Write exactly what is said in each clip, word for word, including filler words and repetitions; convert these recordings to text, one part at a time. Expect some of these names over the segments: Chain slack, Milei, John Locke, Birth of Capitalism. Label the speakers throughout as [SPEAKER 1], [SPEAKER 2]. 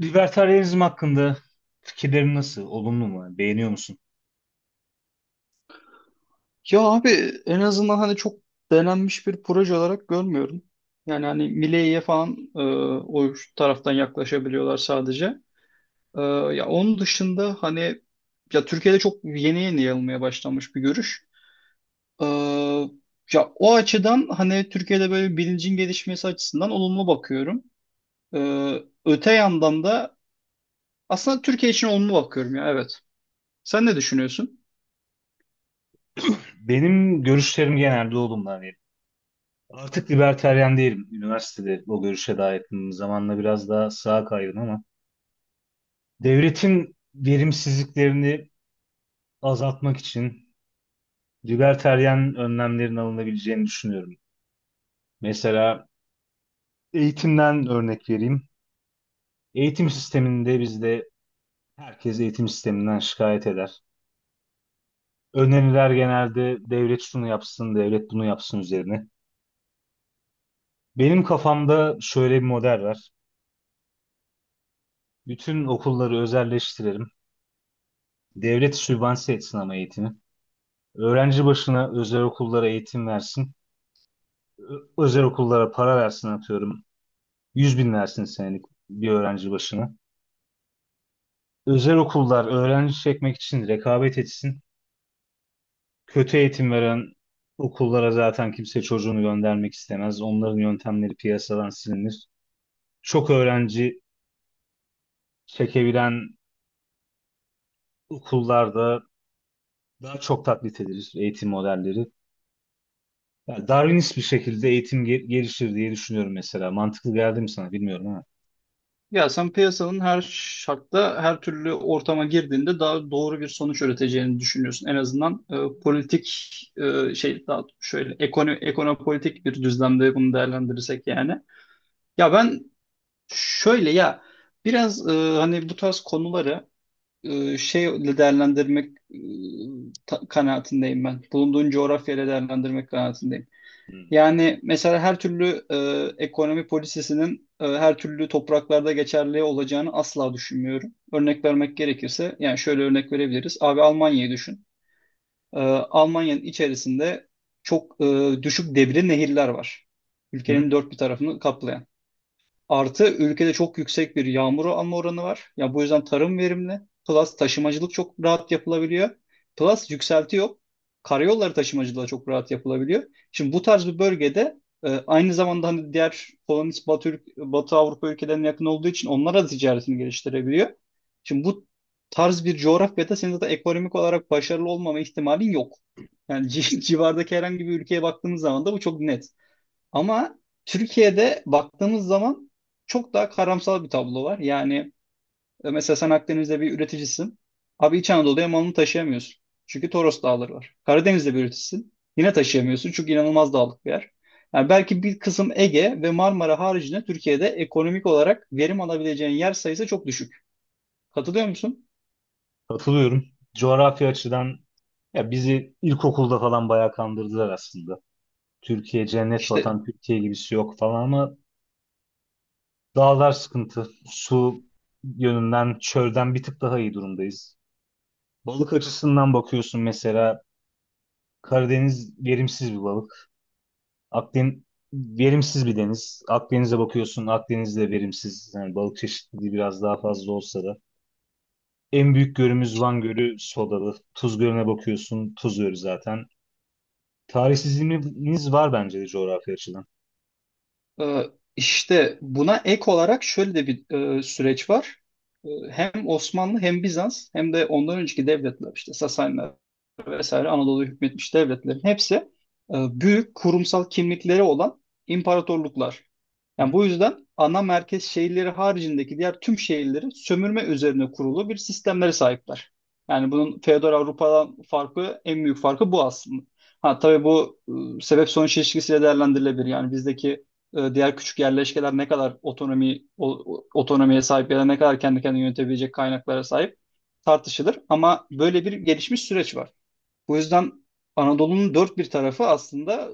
[SPEAKER 1] Libertarianizm hakkında fikirlerin nasıl? Olumlu mu? Beğeniyor musun?
[SPEAKER 2] Ya abi, en azından hani çok denenmiş bir proje olarak görmüyorum. Yani hani Milei'ye falan e, o taraftan yaklaşabiliyorlar sadece. E, Ya onun dışında hani, ya Türkiye'de çok yeni yeni yayılmaya başlanmış bir görüş. E, Ya o açıdan hani Türkiye'de böyle bilincin gelişmesi açısından olumlu bakıyorum. E, Öte yandan da aslında Türkiye için olumlu bakıyorum, ya evet. Sen ne düşünüyorsun?
[SPEAKER 1] Benim görüşlerim genelde olumlu. Hani artık libertaryen değilim. Üniversitede o görüşe daha yakınım. Zamanla biraz daha sağa kaydım ama devletin verimsizliklerini azaltmak için libertaryen önlemlerin alınabileceğini düşünüyorum. Mesela eğitimden örnek vereyim. Eğitim sisteminde bizde herkes eğitim sisteminden şikayet eder. Öneriler genelde devlet şunu yapsın, devlet bunu yapsın üzerine. Benim kafamda şöyle bir model var. Bütün okulları özelleştirelim. Devlet sübvanse etsin ama eğitimi. Öğrenci başına özel okullara eğitim versin. Ö- Özel okullara para versin atıyorum. yüz bin versin senelik bir öğrenci başına. Özel okullar öğrenci çekmek için rekabet etsin. Kötü eğitim veren okullara zaten kimse çocuğunu göndermek istemez. Onların yöntemleri piyasadan silinir. Çok öğrenci çekebilen okullarda daha çok taklit edilir eğitim modelleri. Ya Darwinist bir şekilde eğitim ge- gelişir diye düşünüyorum mesela. Mantıklı geldi mi sana bilmiyorum ama.
[SPEAKER 2] Ya sen piyasanın her şartta, her türlü ortama girdiğinde daha doğru bir sonuç üreteceğini düşünüyorsun. En azından e, politik e, şey daha şöyle ekono ekonopolitik bir düzlemde bunu değerlendirirsek yani. Ya ben, şöyle ya, biraz e, hani bu tarz konuları e, şeyle değerlendirmek, e, ta- kanaatindeyim ben. Bulunduğun coğrafyayla değerlendirmek kanaatindeyim.
[SPEAKER 1] Hmm.
[SPEAKER 2] Yani mesela her türlü e, ekonomi polisisinin e, her türlü topraklarda geçerli olacağını asla düşünmüyorum. Örnek vermek gerekirse yani şöyle örnek verebiliriz. Abi Almanya'yı düşün. E, Almanya'nın içerisinde çok e, düşük debili nehirler var.
[SPEAKER 1] Hı?
[SPEAKER 2] Ülkenin dört bir tarafını kaplayan. Artı ülkede çok yüksek bir yağmur alma oranı var. Ya bu yüzden tarım verimli. Plus taşımacılık çok rahat yapılabiliyor. Plus yükselti yok. Karayolları taşımacılığı da çok rahat yapılabiliyor. Şimdi bu tarz bir bölgede, e, aynı zamanda hani diğer kolonist Batı, ülk- Batı Avrupa ülkelerine yakın olduğu için onlara da ticaretini geliştirebiliyor. Şimdi bu tarz bir coğrafyada senin zaten ekonomik olarak başarılı olmama ihtimalin yok. Yani ci- civardaki herhangi bir ülkeye baktığınız zaman da bu çok net. Ama Türkiye'de baktığımız zaman çok daha karamsar bir tablo var. Yani e, mesela sen Akdeniz'de bir üreticisin. Abi İç Anadolu'ya malını taşıyamıyorsun. Çünkü Toros Dağları var. Karadeniz'de bir üreticisin. Yine taşıyamıyorsun, çünkü inanılmaz dağlık bir yer. Yani belki bir kısım Ege ve Marmara haricinde Türkiye'de ekonomik olarak verim alabileceğin yer sayısı çok düşük. Katılıyor musun?
[SPEAKER 1] Katılıyorum. Coğrafya açıdan ya bizi ilkokulda falan bayağı kandırdılar aslında. Türkiye cennet
[SPEAKER 2] İşte.
[SPEAKER 1] vatan, Türkiye gibisi yok falan ama dağlar sıkıntı. Su yönünden çölden bir tık daha iyi durumdayız. Balık açısından bakıyorsun mesela Karadeniz verimsiz bir balık. Akdeniz verimsiz bir deniz. Akdeniz'e bakıyorsun, Akdeniz de verimsiz. Yani balık çeşitliliği biraz daha fazla olsa da. En büyük gölümüz Van Gölü sodalı. Tuz Gölü'ne bakıyorsun, Tuz Gölü zaten. Tarihsizliğimiz var bence de coğrafya açıdan.
[SPEAKER 2] Ee, İşte buna ek olarak şöyle de bir e, süreç var. Ee, Hem Osmanlı, hem Bizans, hem de ondan önceki devletler, işte vesaire, Anadolu'ya hükmetmiş devletlerin hepsi e, büyük kurumsal kimlikleri olan imparatorluklar.
[SPEAKER 1] Hı
[SPEAKER 2] Yani
[SPEAKER 1] hı.
[SPEAKER 2] bu yüzden ana merkez şehirleri haricindeki diğer tüm şehirlerin sömürme üzerine kurulu bir sistemlere sahipler. Yani bunun feodal Avrupa'dan farkı, en büyük farkı bu aslında. Ha tabii bu e, sebep sonuç ilişkisiyle değerlendirilebilir. Yani bizdeki e, diğer küçük yerleşkeler ne kadar otonomi o- otonomiye sahip ya da ne kadar kendi kendini yönetebilecek kaynaklara sahip, tartışılır. Ama böyle bir gelişmiş süreç var. Bu yüzden Anadolu'nun dört bir tarafı aslında,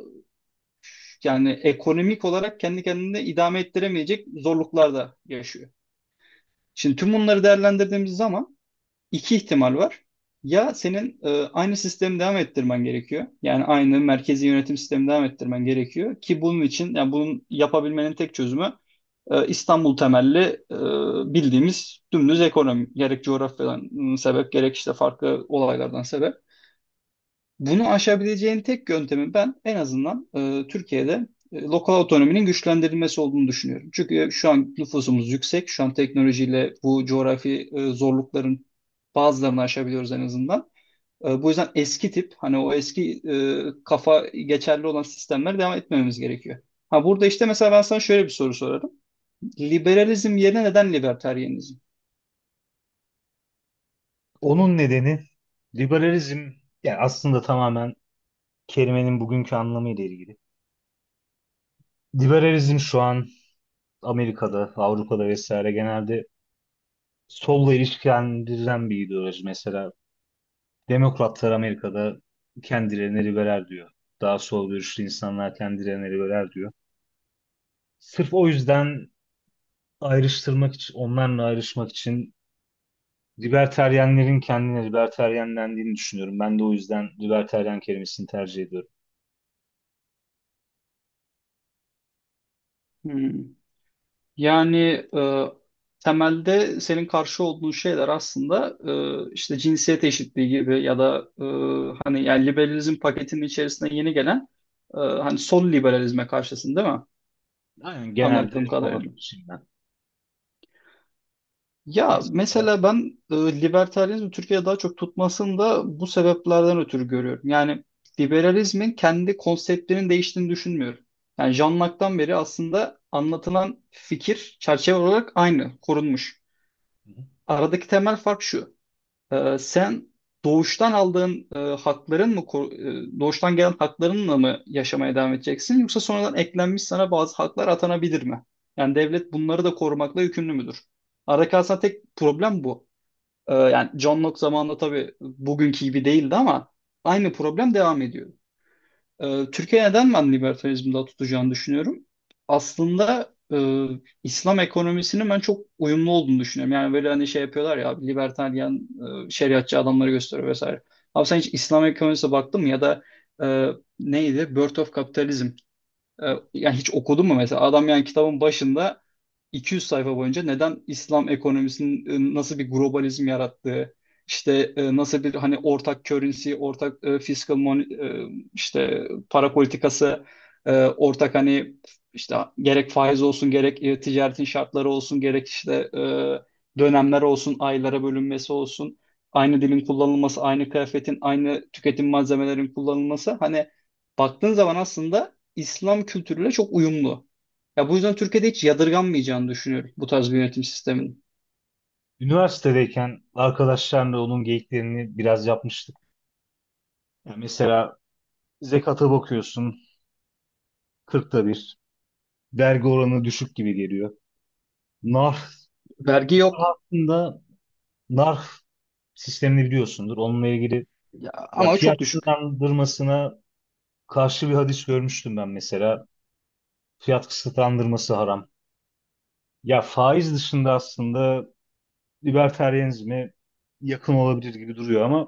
[SPEAKER 2] yani ekonomik olarak kendi kendine idame ettiremeyecek zorluklar da yaşıyor. Şimdi tüm bunları değerlendirdiğimiz zaman iki ihtimal var. Ya senin e, aynı sistemi devam ettirmen gerekiyor. Yani aynı merkezi yönetim sistemi devam ettirmen gerekiyor ki bunun için, yani bunun yapabilmenin tek çözümü e, İstanbul temelli e, bildiğimiz dümdüz ekonomi, gerek coğrafyadan ım, sebep, gerek işte farklı olaylardan sebep. Bunu aşabileceğin tek yöntemi, ben en azından e, Türkiye'de e, lokal otonominin güçlendirilmesi olduğunu düşünüyorum. Çünkü şu an nüfusumuz yüksek. Şu an teknolojiyle bu coğrafi e, zorlukların bazılarını aşabiliyoruz en azından. E, bu yüzden eski tip, hani o eski e, kafa geçerli olan sistemlere devam etmememiz gerekiyor. Ha burada işte mesela ben sana şöyle bir soru sorarım. Liberalizm yerine neden libertarianizm?
[SPEAKER 1] Onun nedeni liberalizm, yani aslında tamamen kelimenin bugünkü anlamıyla ilgili. Liberalizm şu an Amerika'da, Avrupa'da vesaire genelde solla ilişkilendirilen bir ideoloji. Mesela Demokratlar Amerika'da kendilerini liberal diyor. Daha sol görüşlü insanlar kendilerini liberal diyor. Sırf o yüzden ayrıştırmak için, onlarla ayrışmak için libertaryenlerin kendine libertaryenlendiğini düşünüyorum. Ben de o yüzden libertaryen kelimesini tercih ediyorum.
[SPEAKER 2] Hmm. Yani e, temelde senin karşı olduğun şeyler aslında e, işte cinsiyet eşitliği gibi, ya da e, hani, yani liberalizm paketinin içerisine yeni gelen e, hani sol liberalizme karşısın, değil mi?
[SPEAKER 1] Aynen, genelde
[SPEAKER 2] Anladığım
[SPEAKER 1] ona
[SPEAKER 2] kadarıyla.
[SPEAKER 1] karşıyım ben.
[SPEAKER 2] Ya
[SPEAKER 1] Mesela.
[SPEAKER 2] mesela ben e, libertarianizmi Türkiye'de daha çok tutmasını da bu sebeplerden ötürü görüyorum. Yani liberalizmin kendi konseptlerinin değiştiğini düşünmüyorum. Yani Jean Locke'tan beri aslında anlatılan fikir çerçeve olarak aynı, korunmuş.
[SPEAKER 1] Hı hı.
[SPEAKER 2] Aradaki temel fark şu. Ee, sen doğuştan aldığın e, hakların mı koru- e, doğuştan gelen haklarınla mı yaşamaya devam edeceksin, yoksa sonradan eklenmiş sana bazı haklar atanabilir mi? Yani devlet bunları da korumakla yükümlü müdür? Aradaki aslında tek problem bu. Ee, yani John Locke zamanında tabii bugünkü gibi değildi, ama aynı problem devam ediyor. Ee, Türkiye neden ben libertalizmi daha tutacağını düşünüyorum? Aslında e, İslam ekonomisinin ben çok uyumlu olduğunu düşünüyorum. Yani böyle hani şey yapıyorlar ya, libertaryen e, şeriatçı adamları gösteriyor vesaire. Abi sen hiç İslam ekonomisine baktın mı, ya da e, neydi? Birth of Capitalism. E, Yani hiç okudun mu mesela? Adam, yani kitabın başında iki yüz sayfa boyunca neden İslam ekonomisinin e, nasıl bir globalizm yarattığı, işte e, nasıl bir hani ortak currency, ortak e, fiscal mon- e, işte para politikası, e, ortak hani işte, gerek faiz olsun, gerek e, ticaretin şartları olsun, gerek işte e, dönemler olsun, aylara bölünmesi olsun, aynı dilin kullanılması, aynı kıyafetin, aynı tüketim malzemelerin kullanılması, hani baktığın zaman aslında İslam kültürüyle çok uyumlu. Ya bu yüzden Türkiye'de hiç yadırganmayacağını düşünüyorum bu tarz bir yönetim sisteminin.
[SPEAKER 1] Üniversitedeyken arkadaşlarla onun geyiklerini biraz yapmıştık. Yani mesela zekata bakıyorsun kırkta bir. Vergi oranı düşük gibi geliyor. Nar
[SPEAKER 2] Vergi yok
[SPEAKER 1] aslında, Narf sistemini biliyorsundur. Onunla ilgili
[SPEAKER 2] ya,
[SPEAKER 1] ya
[SPEAKER 2] ama
[SPEAKER 1] fiyat
[SPEAKER 2] çok düşük.
[SPEAKER 1] kısıtlandırmasına karşı bir hadis görmüştüm ben mesela. Fiyat kısıtlandırması haram. Ya faiz dışında aslında libertarianizme yakın olabilir gibi duruyor ama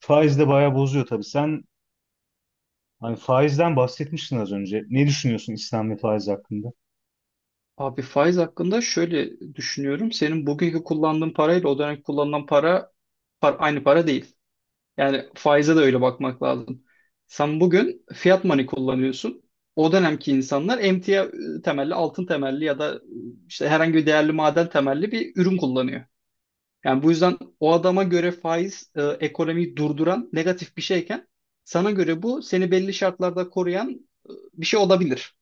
[SPEAKER 1] faiz de bayağı bozuyor tabii. Sen hani faizden bahsetmiştin az önce. Ne düşünüyorsun İslam ve faiz hakkında?
[SPEAKER 2] Abi faiz hakkında şöyle düşünüyorum. Senin bugünkü kullandığın parayla o dönemki kullanılan para, par- aynı para değil. Yani faize de öyle bakmak lazım. Sen bugün fiat money kullanıyorsun. O dönemki insanlar emtia e, temelli, altın temelli, ya da e, işte herhangi bir değerli maden temelli bir ürün kullanıyor. Yani bu yüzden o adama göre faiz e, ekonomiyi durduran negatif bir şeyken, sana göre bu seni belli şartlarda koruyan bir şey olabilir.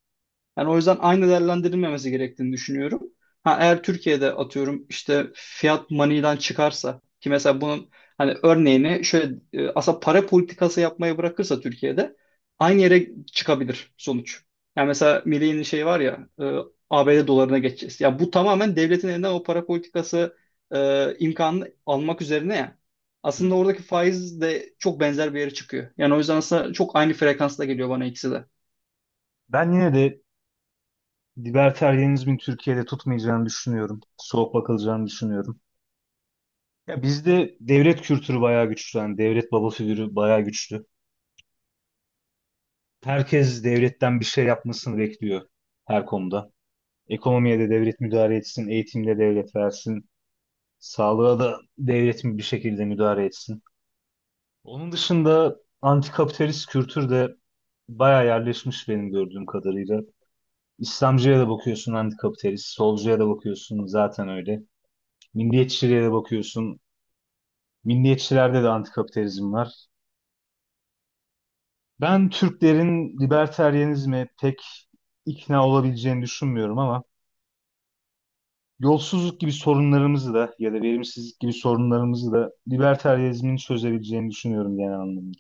[SPEAKER 2] Yani o yüzden aynı değerlendirilmemesi gerektiğini düşünüyorum. Ha, eğer Türkiye'de atıyorum işte fiyat maniden çıkarsa, ki mesela bunun hani örneğini şöyle, e, aslında para politikası yapmayı bırakırsa Türkiye'de aynı yere çıkabilir sonuç. Yani mesela Milley'in şey var ya, e, A B D dolarına geçeceğiz. Ya bu tamamen devletin elinden o para politikası e, imkanını almak üzerine ya. Aslında
[SPEAKER 1] Hmm.
[SPEAKER 2] oradaki faiz de çok benzer bir yere çıkıyor. Yani o yüzden aslında çok aynı frekansta geliyor bana ikisi de.
[SPEAKER 1] Ben yine de libertarianizmin Türkiye'de tutmayacağını düşünüyorum. Soğuk bakılacağını düşünüyorum. Ya bizde devlet kültürü bayağı güçlü. Yani devlet baba figürü bayağı güçlü. Herkes devletten bir şey yapmasını bekliyor her konuda. Ekonomiye de devlet müdahale etsin, eğitimde devlet versin, sağlığa da devlet bir şekilde müdahale etsin. Onun dışında antikapitalist kültür de bayağı yerleşmiş benim gördüğüm kadarıyla. İslamcıya da bakıyorsun antikapitalist, solcuya da bakıyorsun zaten öyle. Milliyetçiliğe de bakıyorsun. Milliyetçilerde de antikapitalizm var. Ben Türklerin libertarianizme pek ikna olabileceğini düşünmüyorum ama yolsuzluk gibi sorunlarımızı da ya da verimsizlik gibi sorunlarımızı da libertarianizmin çözebileceğini düşünüyorum genel anlamda.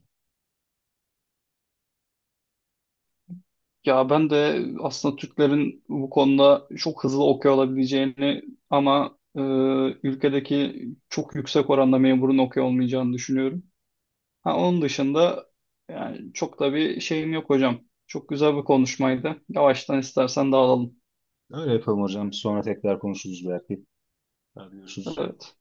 [SPEAKER 2] Ya ben de aslında Türklerin bu konuda çok hızlı okuyor olabileceğini, ama e, ülkedeki çok yüksek oranda memurun okuyor olmayacağını düşünüyorum. Ha, onun dışında yani çok da bir şeyim yok hocam. Çok güzel bir konuşmaydı. Yavaştan istersen dağılalım.
[SPEAKER 1] Öyle yapalım hocam. Sonra tekrar konuşuruz belki. Hadi görüşürüz.
[SPEAKER 2] Evet.